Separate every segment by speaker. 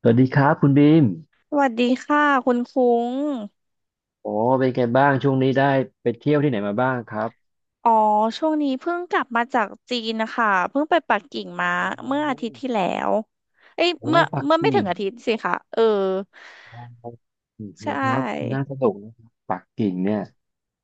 Speaker 1: สวัสดีครับคุณบีม
Speaker 2: สวัสดีค่ะคุณคุ้ง
Speaker 1: โอ้เป็นไงบ้างช่วงนี้ได้ไปเที่ยวที่ไหนมาบ้างครับ
Speaker 2: อ๋อช่วงนี้เพิ่งกลับมาจากจีนนะคะเพิ่งไปปักกิ่ง
Speaker 1: อ๋
Speaker 2: มาเมื่ออา
Speaker 1: อ
Speaker 2: ทิตย์ที่แล้วเอ้ย
Speaker 1: โอ้
Speaker 2: เมื่อ
Speaker 1: ปัก
Speaker 2: เมื่อไม่ถึ
Speaker 1: กิ่ง
Speaker 2: งอาทิตย์สิคะเออ
Speaker 1: โอ๋อ
Speaker 2: ใช
Speaker 1: นะครับน่า
Speaker 2: ่
Speaker 1: สนุกนะครับปักกิ่งเนี่ย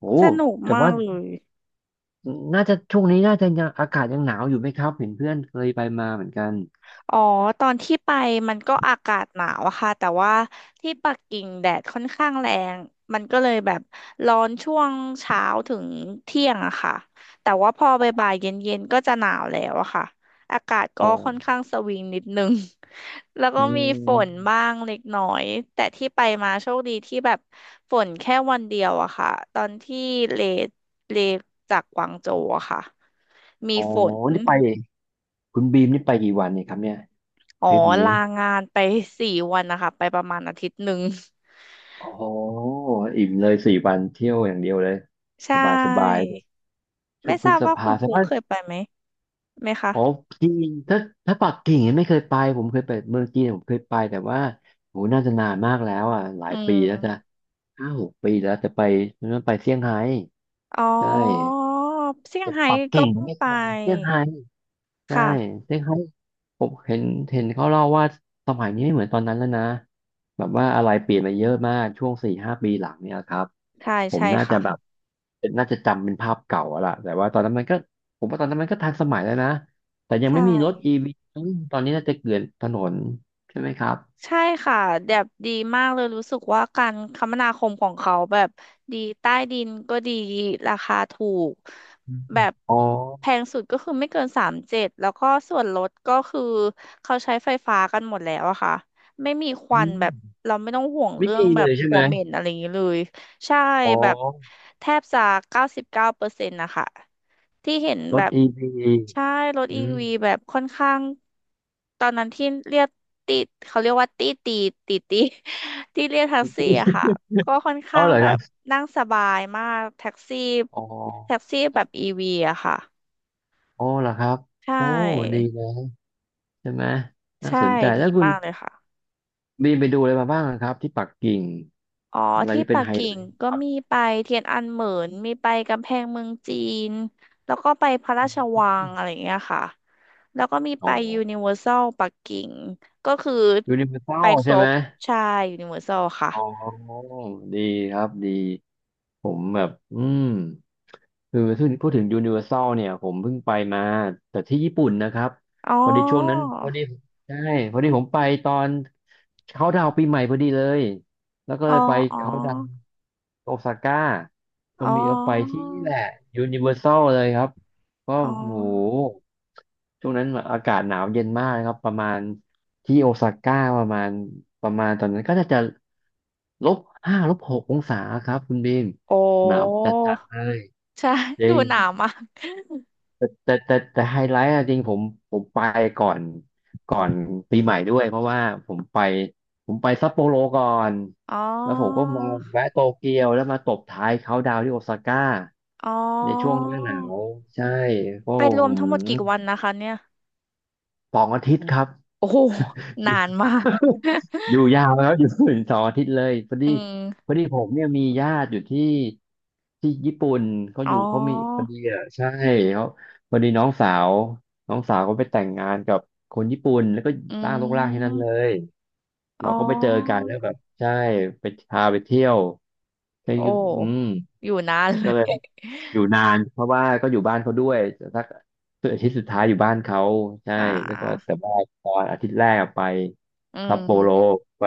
Speaker 1: โอ้
Speaker 2: สนุก
Speaker 1: แต่
Speaker 2: มาก
Speaker 1: ว่า
Speaker 2: เลย
Speaker 1: น่าจะช่วงนี้น่าจะยังอากาศยังหนาวอยู่ไหมครับเห็นเพื่อนเคยไปมาเหมือนกัน
Speaker 2: อ๋อตอนที่ไปมันก็อากาศหนาวอะค่ะแต่ว่าที่ปักกิ่งแดดค่อนข้างแรงมันก็เลยแบบร้อนช่วงเช้าถึงเที่ยงอะค่ะแต่ว่าพอบ่ายๆเย็นๆก็จะหนาวแล้วอะค่ะอากาศ
Speaker 1: อ๋
Speaker 2: ก็
Speaker 1: อ
Speaker 2: ค่อนข้างสวิงนิดนึง แล้วก็
Speaker 1: อื
Speaker 2: มีฝ
Speaker 1: ม
Speaker 2: นบ้างเล็กน้อยแต่ที่ไปมาโชคดีที่แบบฝนแค่วันเดียวอะค่ะตอนที่เลเลจากกวางโจวอะค่ะมี
Speaker 1: โอ้
Speaker 2: ฝน
Speaker 1: นี่ไปคุณบีมนี่ไปกี่วันเนี่ยครับเนี่ย
Speaker 2: อ๋อ
Speaker 1: ทริปนี้
Speaker 2: ลางานไป4 วันนะคะไปประมาณอาทิตย์หนึ่ง
Speaker 1: โอ้โหอิ่มเลยสี่วันเที่ยวอย่างเดียวเลย
Speaker 2: ใช
Speaker 1: สบายสบาย
Speaker 2: ่
Speaker 1: เลยช่
Speaker 2: ไม่
Speaker 1: วงพ
Speaker 2: ท
Speaker 1: ฤ
Speaker 2: ราบ
Speaker 1: ษ
Speaker 2: ว่า
Speaker 1: ภา
Speaker 2: คุณ
Speaker 1: ใช่
Speaker 2: คุ้
Speaker 1: ไห
Speaker 2: ง
Speaker 1: ม
Speaker 2: เคยไปไหมคะ
Speaker 1: อ๋อจีนถ้าปักกิ่งยังไม่เคยไปผมเคยไปเมืองจีนผมเคยไปแต่ว่าโหน่าจะนานมากแล้วอ่ะหลา
Speaker 2: อื
Speaker 1: ยปี
Speaker 2: ม
Speaker 1: แล้วจะห้าหกปีแล้วแต่ไปนั่นไปเซี่ยงไฮ้
Speaker 2: อ๋อ
Speaker 1: ใช่
Speaker 2: เซี่ยง
Speaker 1: แต่
Speaker 2: ไฮ้
Speaker 1: ปัก
Speaker 2: ก็
Speaker 1: กิ่งยั
Speaker 2: เพิ่
Speaker 1: ง
Speaker 2: ง
Speaker 1: ไม่
Speaker 2: ไป
Speaker 1: เคยเซี่ยงไฮ้ ใช่
Speaker 2: ค่ะ
Speaker 1: ซึ่งเขาผมเห็นเห็นเขาเล่าว่าสมัยนี้ไม่เหมือนตอนนั้นแล้วนะแบบว่าอะไรเปลี่ยนไปเยอะมากช่วงสี่ห้าปีหลังเนี่ยครับ
Speaker 2: ใช่
Speaker 1: ผม
Speaker 2: ใช่
Speaker 1: น่าจะ
Speaker 2: ค่ะ
Speaker 1: แบบเป็นน่าจะจำเป็นภาพเก่าอะล่ะแต่ว่าตอนนั้นมันก็ผมว่าตอนนั้นมันก็ทันสมัยแล้วนะ แต่ยังไม่
Speaker 2: ใช่
Speaker 1: มีรถอีวีตอนนี้น่าจะเกลื่อนถนนใช่ไหมครับ
Speaker 2: ใช่ค่ะแบบดีมากเลยรู้สึกว่าการคมนาคมของเขาแบบดีใต้ดินก็ดีราคาถูก
Speaker 1: อืม
Speaker 2: แบบ
Speaker 1: อ๋อ
Speaker 2: แพงสุดก็คือไม่เกินสามเจ็ดแล้วก็ส่วนลดก็คือเขาใช้ไฟฟ้ากันหมดแล้วอะค่ะไม่มีควั
Speaker 1: อื
Speaker 2: นแบบ
Speaker 1: ม
Speaker 2: เราไม่ต้องห่วง
Speaker 1: ไม่
Speaker 2: เรื่อง
Speaker 1: มี
Speaker 2: แบ
Speaker 1: เล
Speaker 2: บ
Speaker 1: ยใช่
Speaker 2: หั
Speaker 1: ไหม
Speaker 2: วเหม็นอะไรอย่างนี้เลยใช่
Speaker 1: อ๋อ
Speaker 2: แบบแทบจะ99%นะคะที่เห็น
Speaker 1: ร
Speaker 2: แบ
Speaker 1: ถ
Speaker 2: บ
Speaker 1: อีวี
Speaker 2: ใช่รถ
Speaker 1: อื
Speaker 2: อี
Speaker 1: ม
Speaker 2: วีแบบค่อนข้างตอนนั้นที่เรียกติดเขาเรียกว่าตีตีตีตี ที่เรียกแท็กซี่อะค่ะ ก็ค่อน
Speaker 1: อ๋อ
Speaker 2: ข้าง
Speaker 1: เหรอ
Speaker 2: แบ
Speaker 1: ครั
Speaker 2: บ
Speaker 1: บ
Speaker 2: นั่งสบายมากแท็กซี่
Speaker 1: อ๋อ
Speaker 2: แท็กซี่แบบอีวีอะค่ะ
Speaker 1: อ๋อเหรอครับ
Speaker 2: ใช
Speaker 1: โอ้ดี
Speaker 2: ่
Speaker 1: เลย ใช่ไหมน่า
Speaker 2: ใช่
Speaker 1: สนใจ
Speaker 2: ดี
Speaker 1: แล้วคุณ
Speaker 2: มากเลยค่ะ
Speaker 1: บีมไปดูอะไรมาบ้างครับที่ปักกิ่ง
Speaker 2: อ๋อ
Speaker 1: อะไร
Speaker 2: ที่
Speaker 1: ที่เป็
Speaker 2: ปั
Speaker 1: น
Speaker 2: ก
Speaker 1: ไฮไล
Speaker 2: กิ่ง
Speaker 1: ท์
Speaker 2: ก็
Speaker 1: ครั
Speaker 2: มี
Speaker 1: บ
Speaker 2: ไปเทียนอันเหมินมีไปกำแพงเมืองจีนแล้วก็ไปพระรา
Speaker 1: อ
Speaker 2: ชวัง
Speaker 1: ม
Speaker 2: อะไรอย่างเงี้ยค่ะ แล้วก็มี
Speaker 1: อ๋อ
Speaker 2: ไปยูนิเวอร์แซลปักกิ่งก็คือ
Speaker 1: ยูนิเวอร์แซ
Speaker 2: ไป
Speaker 1: ล
Speaker 2: ค
Speaker 1: ใช่
Speaker 2: ร
Speaker 1: ไหม
Speaker 2: บใช่ยูนิเวอร์แซลค่ะ
Speaker 1: อ๋อ ดีครับ ดี ผมแบบ อืมคือพูดถึงยูนิเวอร์แซลเนี่ย ผมเพิ่งไปมาแต่ที่ญี่ปุ่นนะครับ
Speaker 2: อ๋อ
Speaker 1: พอดีช่วงนั้นพอดีใช่ พอดีผมไปตอนเขาดาวน์ปีใหม่พอดีเลย แล้วก็
Speaker 2: อ๋
Speaker 1: เล
Speaker 2: อ
Speaker 1: ยไป
Speaker 2: อ๋อ
Speaker 1: เขาดาวน์โอซาก้าก็
Speaker 2: อ๋อ
Speaker 1: มีก็ไปที่นี่แหละยูนิเวอร์แซลเลยครับ ก็
Speaker 2: อ๋อ
Speaker 1: โหช่วงนั้นอากาศหนาวเย็นมากนะครับประมาณที่โอซาก้าประมาณตอนนั้นก็น่าจะลบห้าลบหกองศาครับคุณบีม
Speaker 2: โอ้
Speaker 1: หนาวจัดจัดเลย
Speaker 2: ใช่
Speaker 1: จ ริ
Speaker 2: ดู
Speaker 1: ง
Speaker 2: หนาวมาก
Speaker 1: แต่ไฮไลท์อะจริงผมไปก่อนก่อนปีใหม่ด้วยเพราะว่าผมไปซัปโปโรก่อน
Speaker 2: อ๋
Speaker 1: แล้วผมก็
Speaker 2: อ
Speaker 1: มาแวะโตเกียวแล้วมาตบท้ายเขาน์ดาวน์ที่โอซาก้า
Speaker 2: อ๋อ
Speaker 1: ในช่วงหน้าหนาวใช่โอ้
Speaker 2: ไปรว
Speaker 1: โห
Speaker 2: มทั้งหมดกี่วันนะคะเนี่ย
Speaker 1: สองอาทิตย์ครับ
Speaker 2: โอ้โห
Speaker 1: อ
Speaker 2: นาน
Speaker 1: ยู่
Speaker 2: มาก
Speaker 1: อยู่ยาวแล้วอยู่ถึงสองอาทิตย์เลยพอ
Speaker 2: อื
Speaker 1: ดี
Speaker 2: ม
Speaker 1: พอดีผมเนี่ยมีญาติอยู่ที่ที่ญี่ปุ่นเขา
Speaker 2: อ๋
Speaker 1: อ
Speaker 2: อ
Speaker 1: ยู่เขามีพอดีอ่ะใช่เขาพอดีน้องสาวก็ไปแต่งงานกับคนญี่ปุ่นแล้วก็
Speaker 2: อื
Speaker 1: ล่างลกล่างที่นั่นเล
Speaker 2: ม
Speaker 1: ย
Speaker 2: อ๋
Speaker 1: เราก็ไปเจอกั
Speaker 2: อ
Speaker 1: นแล้วแบบใช่ไปพาไปเที่ยวใช่
Speaker 2: โอ
Speaker 1: อืม
Speaker 2: ้อยู่นานเล
Speaker 1: ก็เลย
Speaker 2: ย
Speaker 1: อยู่นานเพราะว่าก็อยู่บ้านเขาด้วยสักอาทิตย์สุดท้ายอยู่บ้านเขาใช่
Speaker 2: อ่า
Speaker 1: แล้วก็แต่ว่าตอนอาทิตย์แรกอะไป
Speaker 2: อื
Speaker 1: ซัปโปโร
Speaker 2: ม
Speaker 1: ไป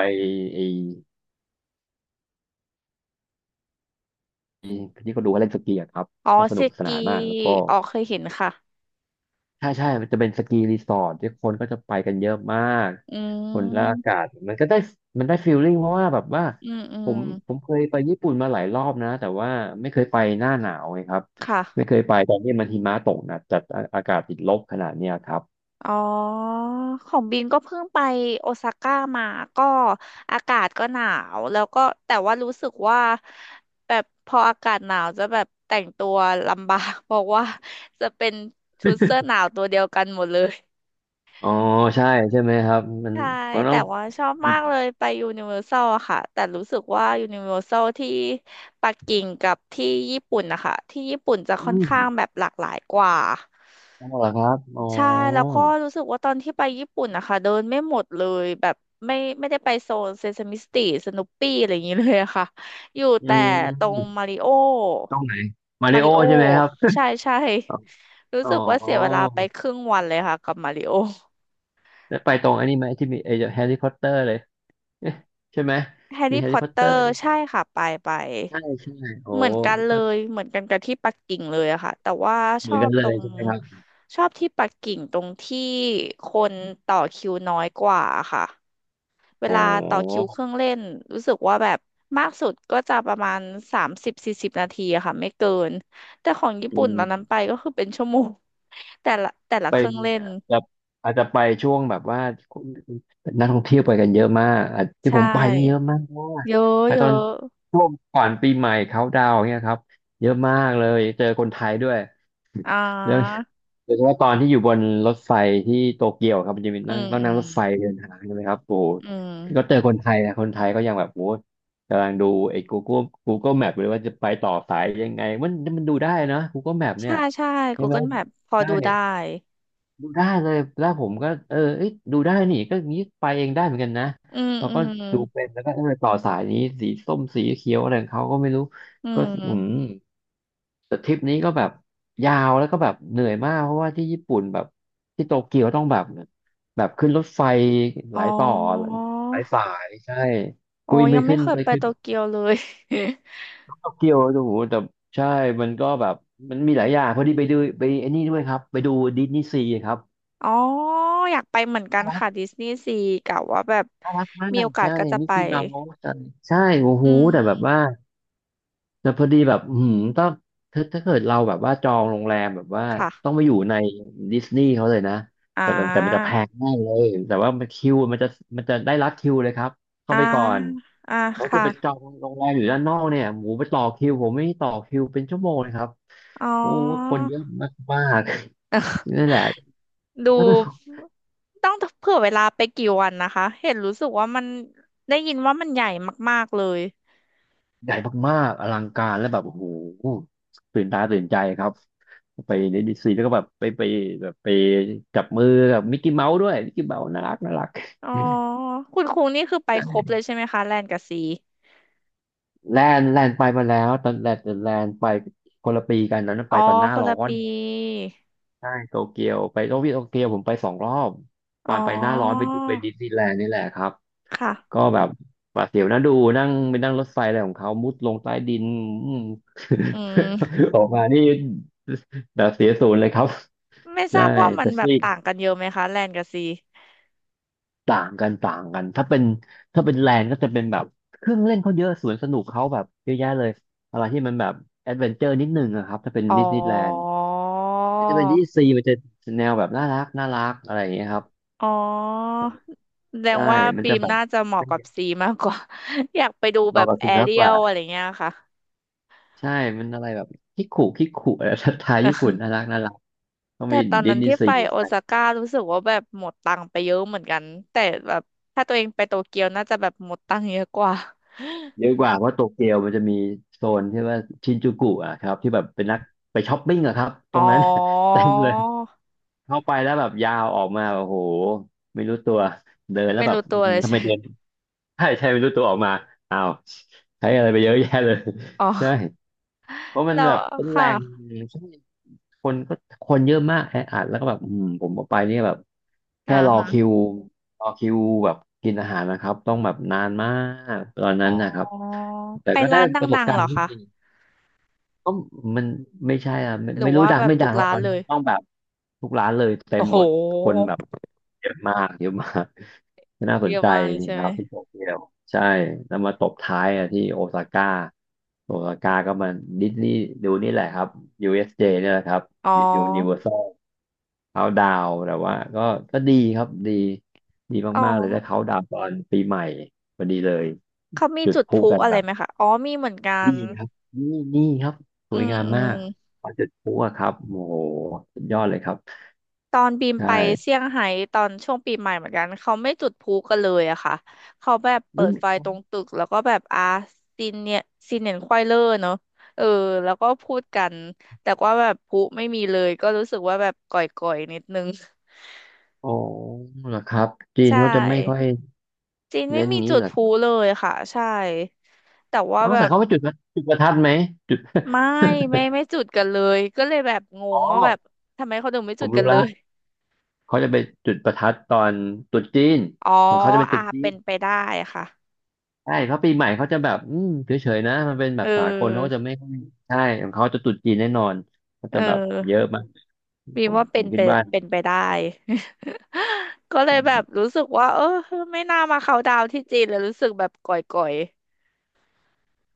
Speaker 1: ไอ้ที่เขาดูเขาเล่นสกีอะครับ
Speaker 2: อ๋อ
Speaker 1: ก็ส
Speaker 2: เซ
Speaker 1: นุกส
Speaker 2: กี
Speaker 1: นานมากแล้วก็
Speaker 2: อ๋อเคยเห็นค่ะ
Speaker 1: ใช่ใช่มันจะเป็นสกีรีสอร์ทที่คนก็จะไปกันเยอะมาก
Speaker 2: อื
Speaker 1: คนและอากา
Speaker 2: ม
Speaker 1: ศมันก็ได้มันได้ฟีลลิ่งเพราะว่าแบบว่า
Speaker 2: อืมอื
Speaker 1: ผ
Speaker 2: ม
Speaker 1: มเคยไปญี่ปุ่นมาหลายรอบนะ แต่ว่าไม่เคยไปหน้าหนาวไงครับไม่
Speaker 2: ค่ะ
Speaker 1: เคยไปตอนที่มันหิมะตกนะแต่อาอากาศติดลบขนาดเนี้ยครับ
Speaker 2: อ๋อของบินก็เพิ่งไปโอซาก้ามาก็อากาศก็หนาวแล้วก็แต่ว่ารู้สึกว่าแบบพออากาศหนาวจะแบบแต่งตัวลำบาก เพราะว่าจะเป็นชุดเสื้อหนาวตัวเดียวกันหมดเลย
Speaker 1: อ๋อ ใช่ใช่ไหมครับ มัน
Speaker 2: ใช่
Speaker 1: ต้
Speaker 2: แต่
Speaker 1: อง
Speaker 2: ว่าชอบ
Speaker 1: อื
Speaker 2: มากเลยไปยูนิเวอร์แซลอะค่ะแต่รู้สึกว่ายูนิเวอร์แซลที่ปักกิ่งกับที่ญี่ปุ่นนะคะที่ญี่ปุ่นจะค่อ
Speaker 1: อื
Speaker 2: น
Speaker 1: ม
Speaker 2: ข้างแบบหลากหลายกว่า
Speaker 1: ต้องเหรอครับอ๋อ
Speaker 2: ใช่แล้วก็รู้สึกว่าตอนที่ไปญี่ปุ่นนะคะเดินไม่หมดเลยแบบไม่ได้ไปโซนเซซามิสตรีสนุปปี้อะไรอย่างนี้เลยอะค่ะอยู่
Speaker 1: อื
Speaker 2: แต่ตรง
Speaker 1: ม
Speaker 2: มาริโอ
Speaker 1: ต้องไหนมา
Speaker 2: มา
Speaker 1: ริ
Speaker 2: ริ
Speaker 1: โอ
Speaker 2: โอ
Speaker 1: ใช่ไหมครับ
Speaker 2: ใช่ใช่รู้
Speaker 1: อ๋อ
Speaker 2: สึกว่าเสียเวลาไปครึ่งวันเลยค่ะกับมาริโอ
Speaker 1: แล้วไปตรงอันนี้ไหมที่มีไอ้แฮร์รี่พอตเตอร์เลย เอ๊ะใช่ไหม
Speaker 2: แฮร์
Speaker 1: มี
Speaker 2: รี่
Speaker 1: แฮ
Speaker 2: พ
Speaker 1: ร์
Speaker 2: อ
Speaker 1: รี่
Speaker 2: ต
Speaker 1: พอต
Speaker 2: เต
Speaker 1: เตอ
Speaker 2: อ
Speaker 1: ร์
Speaker 2: ร์ใช่ค่ะไปไป
Speaker 1: ใช่ใช่โอ้
Speaker 2: เหมือนกันเล
Speaker 1: ก็
Speaker 2: ยเหมือนกันกับที่ปักกิ่งเลยอะค่ะแต่ว่า
Speaker 1: เห
Speaker 2: ช
Speaker 1: มื
Speaker 2: อ
Speaker 1: อนกั
Speaker 2: บ
Speaker 1: นเล
Speaker 2: ตร
Speaker 1: ย
Speaker 2: ง
Speaker 1: ใช่ไหมครับ
Speaker 2: ชอบที่ปักกิ่งตรงที่คนต่อคิวน้อยกว่าค่ะเว
Speaker 1: อ๋
Speaker 2: ลาต่อคิว
Speaker 1: อ
Speaker 2: เครื่องเล่นรู้สึกว่าแบบมากสุดก็จะประมาณ30-40 นาทีอะค่ะไม่เกินแต่ของญี่
Speaker 1: อื
Speaker 2: ปุ่นตอนนั้น
Speaker 1: ม
Speaker 2: ไปก็คือเป็นชั่วโมง แต่ละแต่ละ
Speaker 1: ไป
Speaker 2: เครื่องเล่น
Speaker 1: จะอาจจะไปช่วงแบบว่านักท่องเที่ยวไปกันเยอะมากอาจที่
Speaker 2: ใช่
Speaker 1: ผมไปนี่เยอะมากเพราะว่า
Speaker 2: เยอะ
Speaker 1: ไป
Speaker 2: เย
Speaker 1: ตอน
Speaker 2: อะ
Speaker 1: ช่วงก่อนปีใหม่เขาดาวน์เนี่ยครับเยอะมากเลยเจอคนไทยด้วย
Speaker 2: อ่
Speaker 1: แล้ว
Speaker 2: า
Speaker 1: โดยเฉพาะตอนที่อยู่บนรถไฟที่โตเกียวครับมันจะมี
Speaker 2: อื
Speaker 1: นั่ง
Speaker 2: ม
Speaker 1: ต้อง
Speaker 2: อื
Speaker 1: นั่ง
Speaker 2: ม
Speaker 1: รถไฟเดินทางใช่ไหมครับโอ้โห
Speaker 2: อื
Speaker 1: ก็
Speaker 2: ม
Speaker 1: เจอคนไทยนะคนไทยก็ยังแบบโอ้โหกำลังดูไอ้ Google Map เลยว่าจะไปต่อสายยังไงมันดูได้นะ Google Map เนี่
Speaker 2: ใช่
Speaker 1: ย
Speaker 2: ใช่
Speaker 1: ใช่ไหม
Speaker 2: Google Map พอ
Speaker 1: ใช่
Speaker 2: ดูได้
Speaker 1: ดูได้เลยแล้วผมก็เออเอ้ยดูได้นี่ก็งี้ไปเองได้เหมือนกันนะ
Speaker 2: อืม
Speaker 1: เรา
Speaker 2: อื
Speaker 1: ก็
Speaker 2: ม
Speaker 1: ดูเป็นแล้วก็เออต่อสายนี้สีส้มสีเขียวอะไรของเขาก็ไม่รู้
Speaker 2: อื
Speaker 1: ก็อืม
Speaker 2: ม
Speaker 1: แต่ทริปนี้ก็แบบยาวแล้วก็แบบเหนื่อยมากเพราะว่าที่ญี่ปุ่นแบบที่โตเกียวต้องแบบขึ้นรถไฟห
Speaker 2: อ๋อ
Speaker 1: ลายต่อหลายสายใช่
Speaker 2: อ๋อ
Speaker 1: คุยไป
Speaker 2: ยังไม่
Speaker 1: ขึ้น
Speaker 2: เคย
Speaker 1: ไป
Speaker 2: ไป
Speaker 1: ขึ้น
Speaker 2: โตเกียวเลย
Speaker 1: โตเกียวโอ้โหแต่ใช่มันก็แบบมันมีหลายอย่างพอดีไปดูไปไอ้นี่ด้วยครับไปดูดิสนีย์ซีครับ
Speaker 2: อ๋อ อยากไปเหมือนกันค่ะดิสนีย์ซีกะว่าแบบ
Speaker 1: น่ารักมา
Speaker 2: มี
Speaker 1: ก
Speaker 2: โอกาส
Speaker 1: ใช่
Speaker 2: ก็จะ
Speaker 1: มิก
Speaker 2: ไป
Speaker 1: กี้เมาส์ใช่ใช่โอ้โห
Speaker 2: อื
Speaker 1: แต่แบบว่า
Speaker 2: ม
Speaker 1: แต่พอดีแบบต้องถ้าเกิดเราแบบว่าจองโรงแรมแบบว่า
Speaker 2: ค่ะ
Speaker 1: ต้องไปอยู่ในดิสนีย์เขาเลยนะ
Speaker 2: อ่
Speaker 1: แต่แบบแต่มันจะแพ
Speaker 2: า
Speaker 1: งมากเลยแต่ว่ามันคิวมันจะมันจะได้รัดคิวเลยครับเข้า
Speaker 2: อ่า
Speaker 1: ไปก่อน
Speaker 2: อ่า
Speaker 1: แล้วก็
Speaker 2: ค่ะ
Speaker 1: ไปจองโรงแรมอยู่ด้านนอกเนี่ยหมูไปต่อคิวผมไม่ต่อคิวเป็นชั่วโมงเลยครับ
Speaker 2: อ๋อ
Speaker 1: โอ้คนเยอะมากๆ นั่นแหละ
Speaker 2: ดูต้องเผื่อเวลาไปกี่วันนะคะ เห็นรู้สึกว่ามันได้ยินว่ามันใหญ่มากๆเลย
Speaker 1: ใหญ่มากๆอลังการและแบบโอ้โหตื่นตาตื่นใจครับไปในดิสนีย์แล้วก็แบบไปแบบไปจับมือกับมิกกี้เมาส์ด้วยมิกกี้เมาส์น่ารักน่ารัก
Speaker 2: อ๋อ คุณครูนี่คือไปครบ
Speaker 1: ใช่
Speaker 2: เลยใช่ไหมคะแลนกับซี
Speaker 1: แลนด์แลนด์ไปมาแล้วตอนแลนด์แลนด์ไปคนละปีกันนั้น
Speaker 2: อ๋
Speaker 1: ไป
Speaker 2: อ
Speaker 1: ตอนหน้า
Speaker 2: คน
Speaker 1: ร้อ
Speaker 2: ละ
Speaker 1: น
Speaker 2: ปี
Speaker 1: ใช่โตเกียวไปโตเกียวผมไปสองรอบต
Speaker 2: อ๋
Speaker 1: อนไปหน้าร้อนไป
Speaker 2: อ
Speaker 1: ไปดิสนีย์แลนด์นี่แหละครับ ก็
Speaker 2: ค่ะ
Speaker 1: แบบหวาดเสียวนะดูนั่งไปนั่งรถไฟอะไรของเขามุดลงใต้ดิน อืม
Speaker 2: อืม
Speaker 1: ออกมานี่แบบเสียศูนย์เลยครับ
Speaker 2: ไม่ท
Speaker 1: ใช่
Speaker 2: ราบว่ามัน
Speaker 1: แต่
Speaker 2: แบบ
Speaker 1: ที่
Speaker 2: ต่างกันเยอะไหมคะแลนกับซี
Speaker 1: ต่างกันต่างกันถ้าเป็นแลนด์ก็จะเป็นแบบเครื่องเล่นเขาเยอะสวนสนุกเขาแบบเยอะแยะเลยอะไรที่มันแบบแอดเวนเจอร์นิดหนึงอะครับถ้าเป็น
Speaker 2: อ๋อ
Speaker 1: ดิสนีย์แลนด์ถ้าเป็นดิสซีมันจะแนวแบบน่ารักน่ารักอะไรอย่างเงี้ยครับ
Speaker 2: อ๋อแสดง
Speaker 1: ใช่
Speaker 2: ว่า
Speaker 1: มัน
Speaker 2: บี
Speaker 1: จะ
Speaker 2: ม
Speaker 1: แบบ
Speaker 2: น่าจะเหมาะกับซีมากกว่า อยากไปดู
Speaker 1: เห
Speaker 2: แบ
Speaker 1: มาะ
Speaker 2: บ
Speaker 1: กับ
Speaker 2: แอ
Speaker 1: สุนัข
Speaker 2: เรี
Speaker 1: ก
Speaker 2: ย
Speaker 1: ว่า
Speaker 2: ลอะไรเงี้ยค่ะ
Speaker 1: ใช่มันอะไรแบบคิกคุคิกคุอะไร สไตล์ญี่ปุ่น น่ารักน่ารัก ต้อง
Speaker 2: แต่
Speaker 1: มี
Speaker 2: ตอน
Speaker 1: ดิ
Speaker 2: นั้
Speaker 1: ส
Speaker 2: น
Speaker 1: นีย์
Speaker 2: ที่
Speaker 1: ซี
Speaker 2: ไปโอ
Speaker 1: ใช่
Speaker 2: ซาก้ารู้สึกว่าแบบหมดตังค์ไปเยอะเหมือนกันแต่แบบถ้าตัวเองไปโตเกียวน่าจะแบบหมดตังค์เยอะกว่า
Speaker 1: เยอะกว่าเพราะโตเกียวมันจะมีโซนที่ว่าชินจูกุอะครับที่แบบเป็นนักไปช้อปปิ้งอะครับต
Speaker 2: อ๋
Speaker 1: รง
Speaker 2: อ
Speaker 1: นั้น เต็มเลยเข้าไปแล้วแบบยาวออกมาโอ้โหไม่รู้ตัวเดินแล้ว
Speaker 2: ไม่
Speaker 1: แบบ
Speaker 2: รู้ตั
Speaker 1: อื้อ
Speaker 2: ว
Speaker 1: หื
Speaker 2: เล
Speaker 1: อ
Speaker 2: ย
Speaker 1: ทำไม
Speaker 2: ใช่
Speaker 1: เดิน ใช่ใช่ไม่รู้ตัวออกมาอ้าวใช้อะไรไปเยอะแยะเลย
Speaker 2: อ๋อ
Speaker 1: ใช่เพราะมัน
Speaker 2: แล้
Speaker 1: แบ
Speaker 2: ว
Speaker 1: บเป็นแห
Speaker 2: ค่ะ
Speaker 1: ล่ง คนก็คนเยอะมากแออัดแล้วก็แบบผมออกไปเนี่ยแบบ
Speaker 2: อ่า
Speaker 1: แค่รอ
Speaker 2: ฮะ
Speaker 1: คิวรอคิวแบบกินอาหารนะครับต้องแบบนานมากตอน
Speaker 2: อ๋
Speaker 1: นั้
Speaker 2: อ
Speaker 1: นนะครับแต่
Speaker 2: ไป
Speaker 1: ก็ได้
Speaker 2: ร้านด
Speaker 1: ประส
Speaker 2: ั
Speaker 1: บ
Speaker 2: งๆ
Speaker 1: กา
Speaker 2: เหร
Speaker 1: ร
Speaker 2: อ
Speaker 1: ณ์ที่
Speaker 2: คะ
Speaker 1: ดี ก็มันไม่ใช่อ่ะ
Speaker 2: หรือ
Speaker 1: ไม่รู้
Speaker 2: ว่า
Speaker 1: ดั
Speaker 2: แบ
Speaker 1: ง
Speaker 2: บ
Speaker 1: ไม่
Speaker 2: ทุ
Speaker 1: ดั
Speaker 2: ก
Speaker 1: งแล้ว
Speaker 2: ร้า
Speaker 1: ต
Speaker 2: น
Speaker 1: อน
Speaker 2: เล
Speaker 1: นี้
Speaker 2: ย
Speaker 1: ต้องแบบทุกร้านเลยเต็
Speaker 2: โอ้
Speaker 1: ม
Speaker 2: โห
Speaker 1: หมดคนแบบเยอะมากเยอะมากน่าส
Speaker 2: เย
Speaker 1: น
Speaker 2: อะ
Speaker 1: ใจ
Speaker 2: มากเลยใช่
Speaker 1: ค
Speaker 2: ไหม
Speaker 1: รับที่โตเกียวใช่แล้วมาตบท้ายอ่ะที่โอซาก้าโอซาก้าก็มาดิสนีย์ดูนี่แหละครับ USJ เอสเจเนี่ยแหละครับ
Speaker 2: อ๋
Speaker 1: ยูนิเวอร์
Speaker 2: อ
Speaker 1: แซลเขาดาวน์แต่ว่าก็ก็ดีครับดี
Speaker 2: อ๋อ
Speaker 1: มากๆเลยถ้าเขาดาวน์ตอนปีใหม่พอดีเลย
Speaker 2: เขามี
Speaker 1: จุด
Speaker 2: จุด
Speaker 1: พ
Speaker 2: พ
Speaker 1: ลุ
Speaker 2: ลุ
Speaker 1: กัน
Speaker 2: อะไร
Speaker 1: แบบ
Speaker 2: ไหมคะอ๋อมีเหมือนกัน
Speaker 1: นี่ครับนี่นี่ครับส
Speaker 2: อื
Speaker 1: วย
Speaker 2: ม
Speaker 1: งาม
Speaker 2: อื
Speaker 1: มา
Speaker 2: ม
Speaker 1: กปลาเจ็ดพุอะครับโอ้โหสุดยอดเลยครับ
Speaker 2: ตอนบีม
Speaker 1: ใช
Speaker 2: ไป
Speaker 1: ่
Speaker 2: เซี่ยงไฮ้ตอนช่วงปีใหม่เหมือนกันเขาไม่จุดพลุกันเลยอะค่ะเขาแบบเปิ
Speaker 1: ไม่
Speaker 2: ด
Speaker 1: มี
Speaker 2: ไฟตรงตึกแล้วก็แบบอาซีเนียซีเนียนควายเลอร์เนอะเออแล้วก็พูดกันแต่ว่าแบบพลุไม่มีเลยก็รู้สึกว่าแบบก่อยๆนิดนึง
Speaker 1: อ๋อเหรอครับจี
Speaker 2: ใช
Speaker 1: นเขาจะไม่ค่อ
Speaker 2: ่
Speaker 1: ย
Speaker 2: จีนไม่
Speaker 1: เน้น
Speaker 2: มี
Speaker 1: งี้
Speaker 2: จุด
Speaker 1: เหรอ
Speaker 2: พลุ
Speaker 1: ครับ
Speaker 2: เลยค่ะใช่แต่ว่า
Speaker 1: เอ้า
Speaker 2: แบ
Speaker 1: แต่
Speaker 2: บ
Speaker 1: เขาไปจุดประจุดประทัดไหมจุด
Speaker 2: ไม่ไม่ไม่ จุดกันเลยก็เลยแบบง
Speaker 1: อ๋อ
Speaker 2: งว่าแบบทำไมเขาถึงไม่
Speaker 1: ผ
Speaker 2: จุด
Speaker 1: ม
Speaker 2: กั
Speaker 1: รู้
Speaker 2: นเล
Speaker 1: ละ
Speaker 2: ย
Speaker 1: เขาจะไปจุดประทัดตอนตรุษจีน
Speaker 2: อ๋อ
Speaker 1: ของเขาจะเป็นต
Speaker 2: อา
Speaker 1: รุษจี
Speaker 2: เป็
Speaker 1: น
Speaker 2: นไปได้ค่ะ
Speaker 1: ใช่เพราะปีใหม่เขาจะแบบเฉยๆนะมันเป็นแบ
Speaker 2: เอ
Speaker 1: บสากลเขาจะ
Speaker 2: อ
Speaker 1: ไม่ค่อยใช่ของเขาจะตรุษจีนแน่นอนเขา
Speaker 2: เ
Speaker 1: จะแบบเย
Speaker 2: ออ
Speaker 1: อะมาก
Speaker 2: บี
Speaker 1: ผ
Speaker 2: ม
Speaker 1: ม
Speaker 2: ว่า
Speaker 1: ผ
Speaker 2: เป็
Speaker 1: ม
Speaker 2: น
Speaker 1: คิ
Speaker 2: ไป
Speaker 1: ดว่า
Speaker 2: เป็นไปได้ ก็เลยแบบรู้สึกว่าเออไม่น่ามาเขาน์ดาวน์ที่จีนเลยรู้สึกแบบก่อย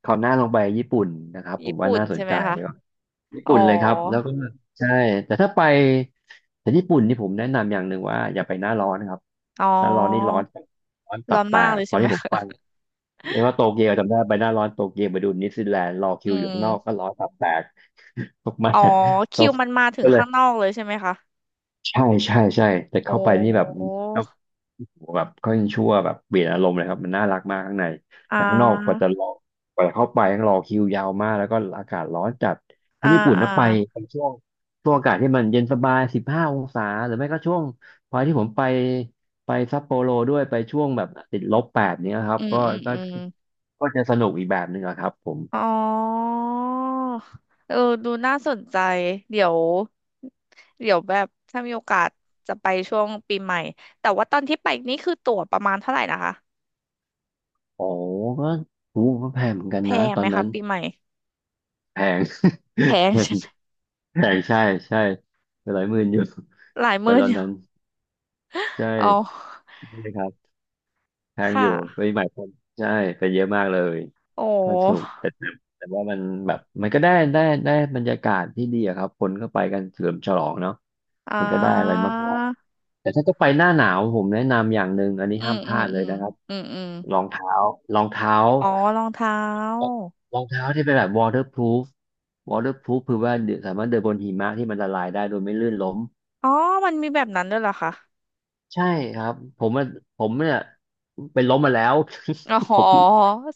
Speaker 1: คราวหน้าลองไปญี่ปุ่นนะครับ
Speaker 2: ๆ
Speaker 1: ผ
Speaker 2: ญี่
Speaker 1: มว่า
Speaker 2: ปุ่น
Speaker 1: น่าส
Speaker 2: ใช่
Speaker 1: น
Speaker 2: ไหม
Speaker 1: ใจ
Speaker 2: คะ
Speaker 1: เลยว่าญี่
Speaker 2: อ๋อ
Speaker 1: ปุ่นเลยครับแล้วก็ใช่แต่ถ้าไปแต่ญี่ปุ่นนี่ผมแนะนำอย่างหนึ่งว่าอย่าไปหน้าร้อนนะครับ
Speaker 2: อ๋อ
Speaker 1: หน้าร้อนนี่ร้อนตั
Speaker 2: ร้อ
Speaker 1: บ
Speaker 2: น
Speaker 1: แต
Speaker 2: มาก
Speaker 1: ก
Speaker 2: เลย
Speaker 1: ตอ
Speaker 2: ใช่
Speaker 1: น
Speaker 2: ไหม
Speaker 1: ที่ผม
Speaker 2: คะ
Speaker 1: ไปเรียกว่าโตเกียวจำได้ไปหน้าร้อนโตเกียวไปดูนิวซีแลนด์รอ คิ
Speaker 2: อื
Speaker 1: วอยู่
Speaker 2: ม
Speaker 1: ข้างนอกก็ร้อนตับแตก ตกมาก
Speaker 2: อ๋อ
Speaker 1: ๆต
Speaker 2: คิ
Speaker 1: ก
Speaker 2: วมันมาถึ
Speaker 1: ก็
Speaker 2: ง
Speaker 1: เลย
Speaker 2: ข้างนอกเลยใช่ไหมคะ
Speaker 1: ใช่ใช่แต่
Speaker 2: โอ
Speaker 1: เข้าไปนี่แบบ
Speaker 2: ้
Speaker 1: แบบเขายังชั่วแบบเปลี่ยนอารมณ์เลยครับมันน่ารักมากข้างใน
Speaker 2: อ่
Speaker 1: แต่ข้างนอกกว่า
Speaker 2: า
Speaker 1: จะรอกว่าจะเข้าไปต้องรอคิวยาวมากแล้วก็อากาศร้อนจัดถ้า
Speaker 2: อ่า
Speaker 1: ญี่ปุ่น
Speaker 2: อ่า
Speaker 1: นะไปเป็นช่วงอากาศที่มันเย็นสบาย15 องศาหรือไม่ก็ช่วงพอที่ผมไปไปซัปโปโรด้วยไปช่วงแบบติดลบ 8เนี้ยครั
Speaker 2: อื
Speaker 1: บ
Speaker 2: ม
Speaker 1: ก็
Speaker 2: อืม
Speaker 1: ก็
Speaker 2: อืม
Speaker 1: ก็จะสนุกอีกแบบหนึ่งอะครับผม
Speaker 2: อ๋อเออ ดูน่าสนใจ เดี๋ยว เดี๋ยวแบบถ้ามีโอกาสจะไปช่วงปีใหม่แต่ว่าตอนที่ไปนี่คือตั๋วประมาณเท่าไหร่นะคะ
Speaker 1: โอ้ก็ถูกแพงเหมือนกัน
Speaker 2: แพ
Speaker 1: นะ
Speaker 2: ง
Speaker 1: ตอ
Speaker 2: ไหม
Speaker 1: น
Speaker 2: คะ
Speaker 1: นั้น
Speaker 2: ปีใหม่
Speaker 1: แพง
Speaker 2: แพง
Speaker 1: แพ
Speaker 2: ใช่
Speaker 1: ง
Speaker 2: ไหม
Speaker 1: แพงใช่ใช่ไปหลายหมื่นอยู่
Speaker 2: หลาย ห
Speaker 1: ไป
Speaker 2: มื่น
Speaker 1: ตอน
Speaker 2: อ
Speaker 1: นั้น
Speaker 2: ยู่
Speaker 1: ใช่
Speaker 2: อ๋อ
Speaker 1: ใช่ครับแพ
Speaker 2: ค
Speaker 1: งอยู่
Speaker 2: ่ะ
Speaker 1: ปีใหม่คนใช่ไปเยอะมากเลย
Speaker 2: โอ
Speaker 1: ก็สนุก
Speaker 2: ้
Speaker 1: แต่แต่แต่ว่ามันแบบมันก็ได้ได้บรรยากาศที่ดีอะครับคนก็ไปกันเฉลิมฉลองเนาะ
Speaker 2: อ่
Speaker 1: มันก็ได้อะไร
Speaker 2: า
Speaker 1: มากๆแต่ถ้าจะไปหน้าหนาวผมแนะนำอย่างหนึ่งอันนี้
Speaker 2: อื
Speaker 1: ห้า
Speaker 2: ม
Speaker 1: มพ
Speaker 2: อื
Speaker 1: ลา
Speaker 2: ม
Speaker 1: ดเล
Speaker 2: อื
Speaker 1: ย
Speaker 2: ม
Speaker 1: นะครับ
Speaker 2: อืมอืม
Speaker 1: รองเท้ารองเท้า
Speaker 2: อ๋อรองเท้า
Speaker 1: รองเท้าที่เป็นแบบ waterproof waterproof คือว่าเดินสามารถเดินบนหิมะที่มันละลายได้โดยไม่ลื่นล้ม
Speaker 2: อ๋อมันมีแบบนั้นด้วยเหรอคะ
Speaker 1: ใช่ครับผมอะผมเนี่ยไปล้มมาแล้ว
Speaker 2: อ ๋
Speaker 1: ผ
Speaker 2: อ
Speaker 1: ม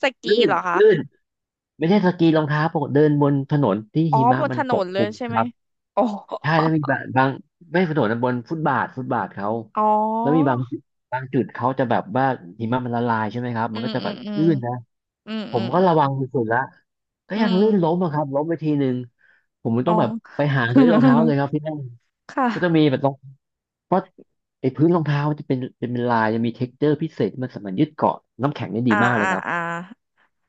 Speaker 2: สกี
Speaker 1: ลื่น
Speaker 2: เหรอคะ
Speaker 1: ลื่นไม่ใช่สกีรองเท้าปกติเดินบนถนนที่
Speaker 2: อ๋อ
Speaker 1: หิมะ
Speaker 2: บน
Speaker 1: มั
Speaker 2: ถ
Speaker 1: น
Speaker 2: น
Speaker 1: ปก
Speaker 2: น
Speaker 1: ค
Speaker 2: เล
Speaker 1: ลุ
Speaker 2: ย
Speaker 1: ม
Speaker 2: ใช่
Speaker 1: ค
Speaker 2: ไหม
Speaker 1: รับ
Speaker 2: โอ้
Speaker 1: ใช่แล้วมีบางบางไม่ถนนนะบนฟุตบาทฟุตบาทเขา
Speaker 2: อ๋
Speaker 1: แล้วมีบา
Speaker 2: อ
Speaker 1: งจุดบางจุดเขาจะแบบว่าหิมะมันละลายใช่ไหมครับ
Speaker 2: อื
Speaker 1: มัน
Speaker 2: ม
Speaker 1: ก็จะ
Speaker 2: อื
Speaker 1: แบ
Speaker 2: ม
Speaker 1: บ
Speaker 2: อืม
Speaker 1: ลื่นนะ
Speaker 2: อืม
Speaker 1: ผ
Speaker 2: อื
Speaker 1: ม
Speaker 2: ม
Speaker 1: ก็
Speaker 2: อื
Speaker 1: ระวัง
Speaker 2: ม
Speaker 1: สุดๆละก็
Speaker 2: อื
Speaker 1: ยังลื่นล้ม
Speaker 2: ม
Speaker 1: อะครับล้มไปทีหนึ่งผมมัน
Speaker 2: อ๋
Speaker 1: ต้
Speaker 2: อ
Speaker 1: องแบบไปหาซื้อรองเท้าเลยครับที่นั่น
Speaker 2: ค
Speaker 1: ก็จะมี
Speaker 2: ่ะ
Speaker 1: แบบรองเพราะไอ้พื้นรองเท้ามันจะเป็นลายจะมีเท็กเจอร์พิเศษที่มันสามารถยึดเกาะน้ำแข็งได้ดี
Speaker 2: อ่า
Speaker 1: มากเลย
Speaker 2: อ่า
Speaker 1: ครั
Speaker 2: อ่า
Speaker 1: บ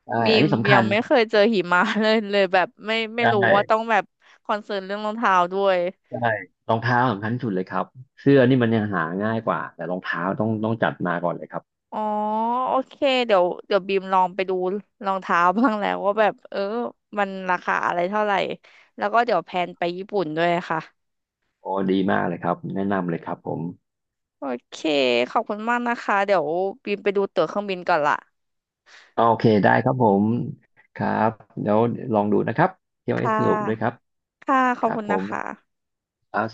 Speaker 1: ใช่
Speaker 2: มี
Speaker 1: อัน
Speaker 2: ม
Speaker 1: นี้สำ
Speaker 2: ยั
Speaker 1: คั
Speaker 2: ง
Speaker 1: ญ
Speaker 2: ไม่เคยเจอหิมะ เลยเลยแบบไม่ไม่
Speaker 1: ใช
Speaker 2: รู้ว่าต้อง
Speaker 1: ่
Speaker 2: แบบคอนเซิร์นเรื่องรองเท้าด้วย
Speaker 1: ใช่รองเท้าสำคัญที่สุดเลยครับเสื้อนี่มันยังหาง่ายกว่าแต่รองเท้าต้องจัดมาก่อนเลยครับ
Speaker 2: อ๋อโอเคเดี๋ยวเดี๋ยวบีมลองไปดูรองเท้าบ้างแล้วว่าแบบเออมันราคาอะไรเท่าไหร่แล้วก็เดี๋ยวแพลนไปญี่ปุ่นด้วยค่ะ
Speaker 1: โอ้ดีมากเลยครับแนะนำเลยครับผม
Speaker 2: โอเคขอบคุณมากนะคะเดี๋ยวบีมไปดูตั๋วเครื่องบินก่อนละ
Speaker 1: โอเคได้ครับผมครับเดี๋ยวลองดูนะครับเที่ยวเอ
Speaker 2: ค่
Speaker 1: สสนุกด้วยครับ
Speaker 2: ะค่ะข
Speaker 1: ค
Speaker 2: อบ
Speaker 1: รับ
Speaker 2: คุณ
Speaker 1: ผ
Speaker 2: นะ
Speaker 1: ม
Speaker 2: คะ
Speaker 1: ครับ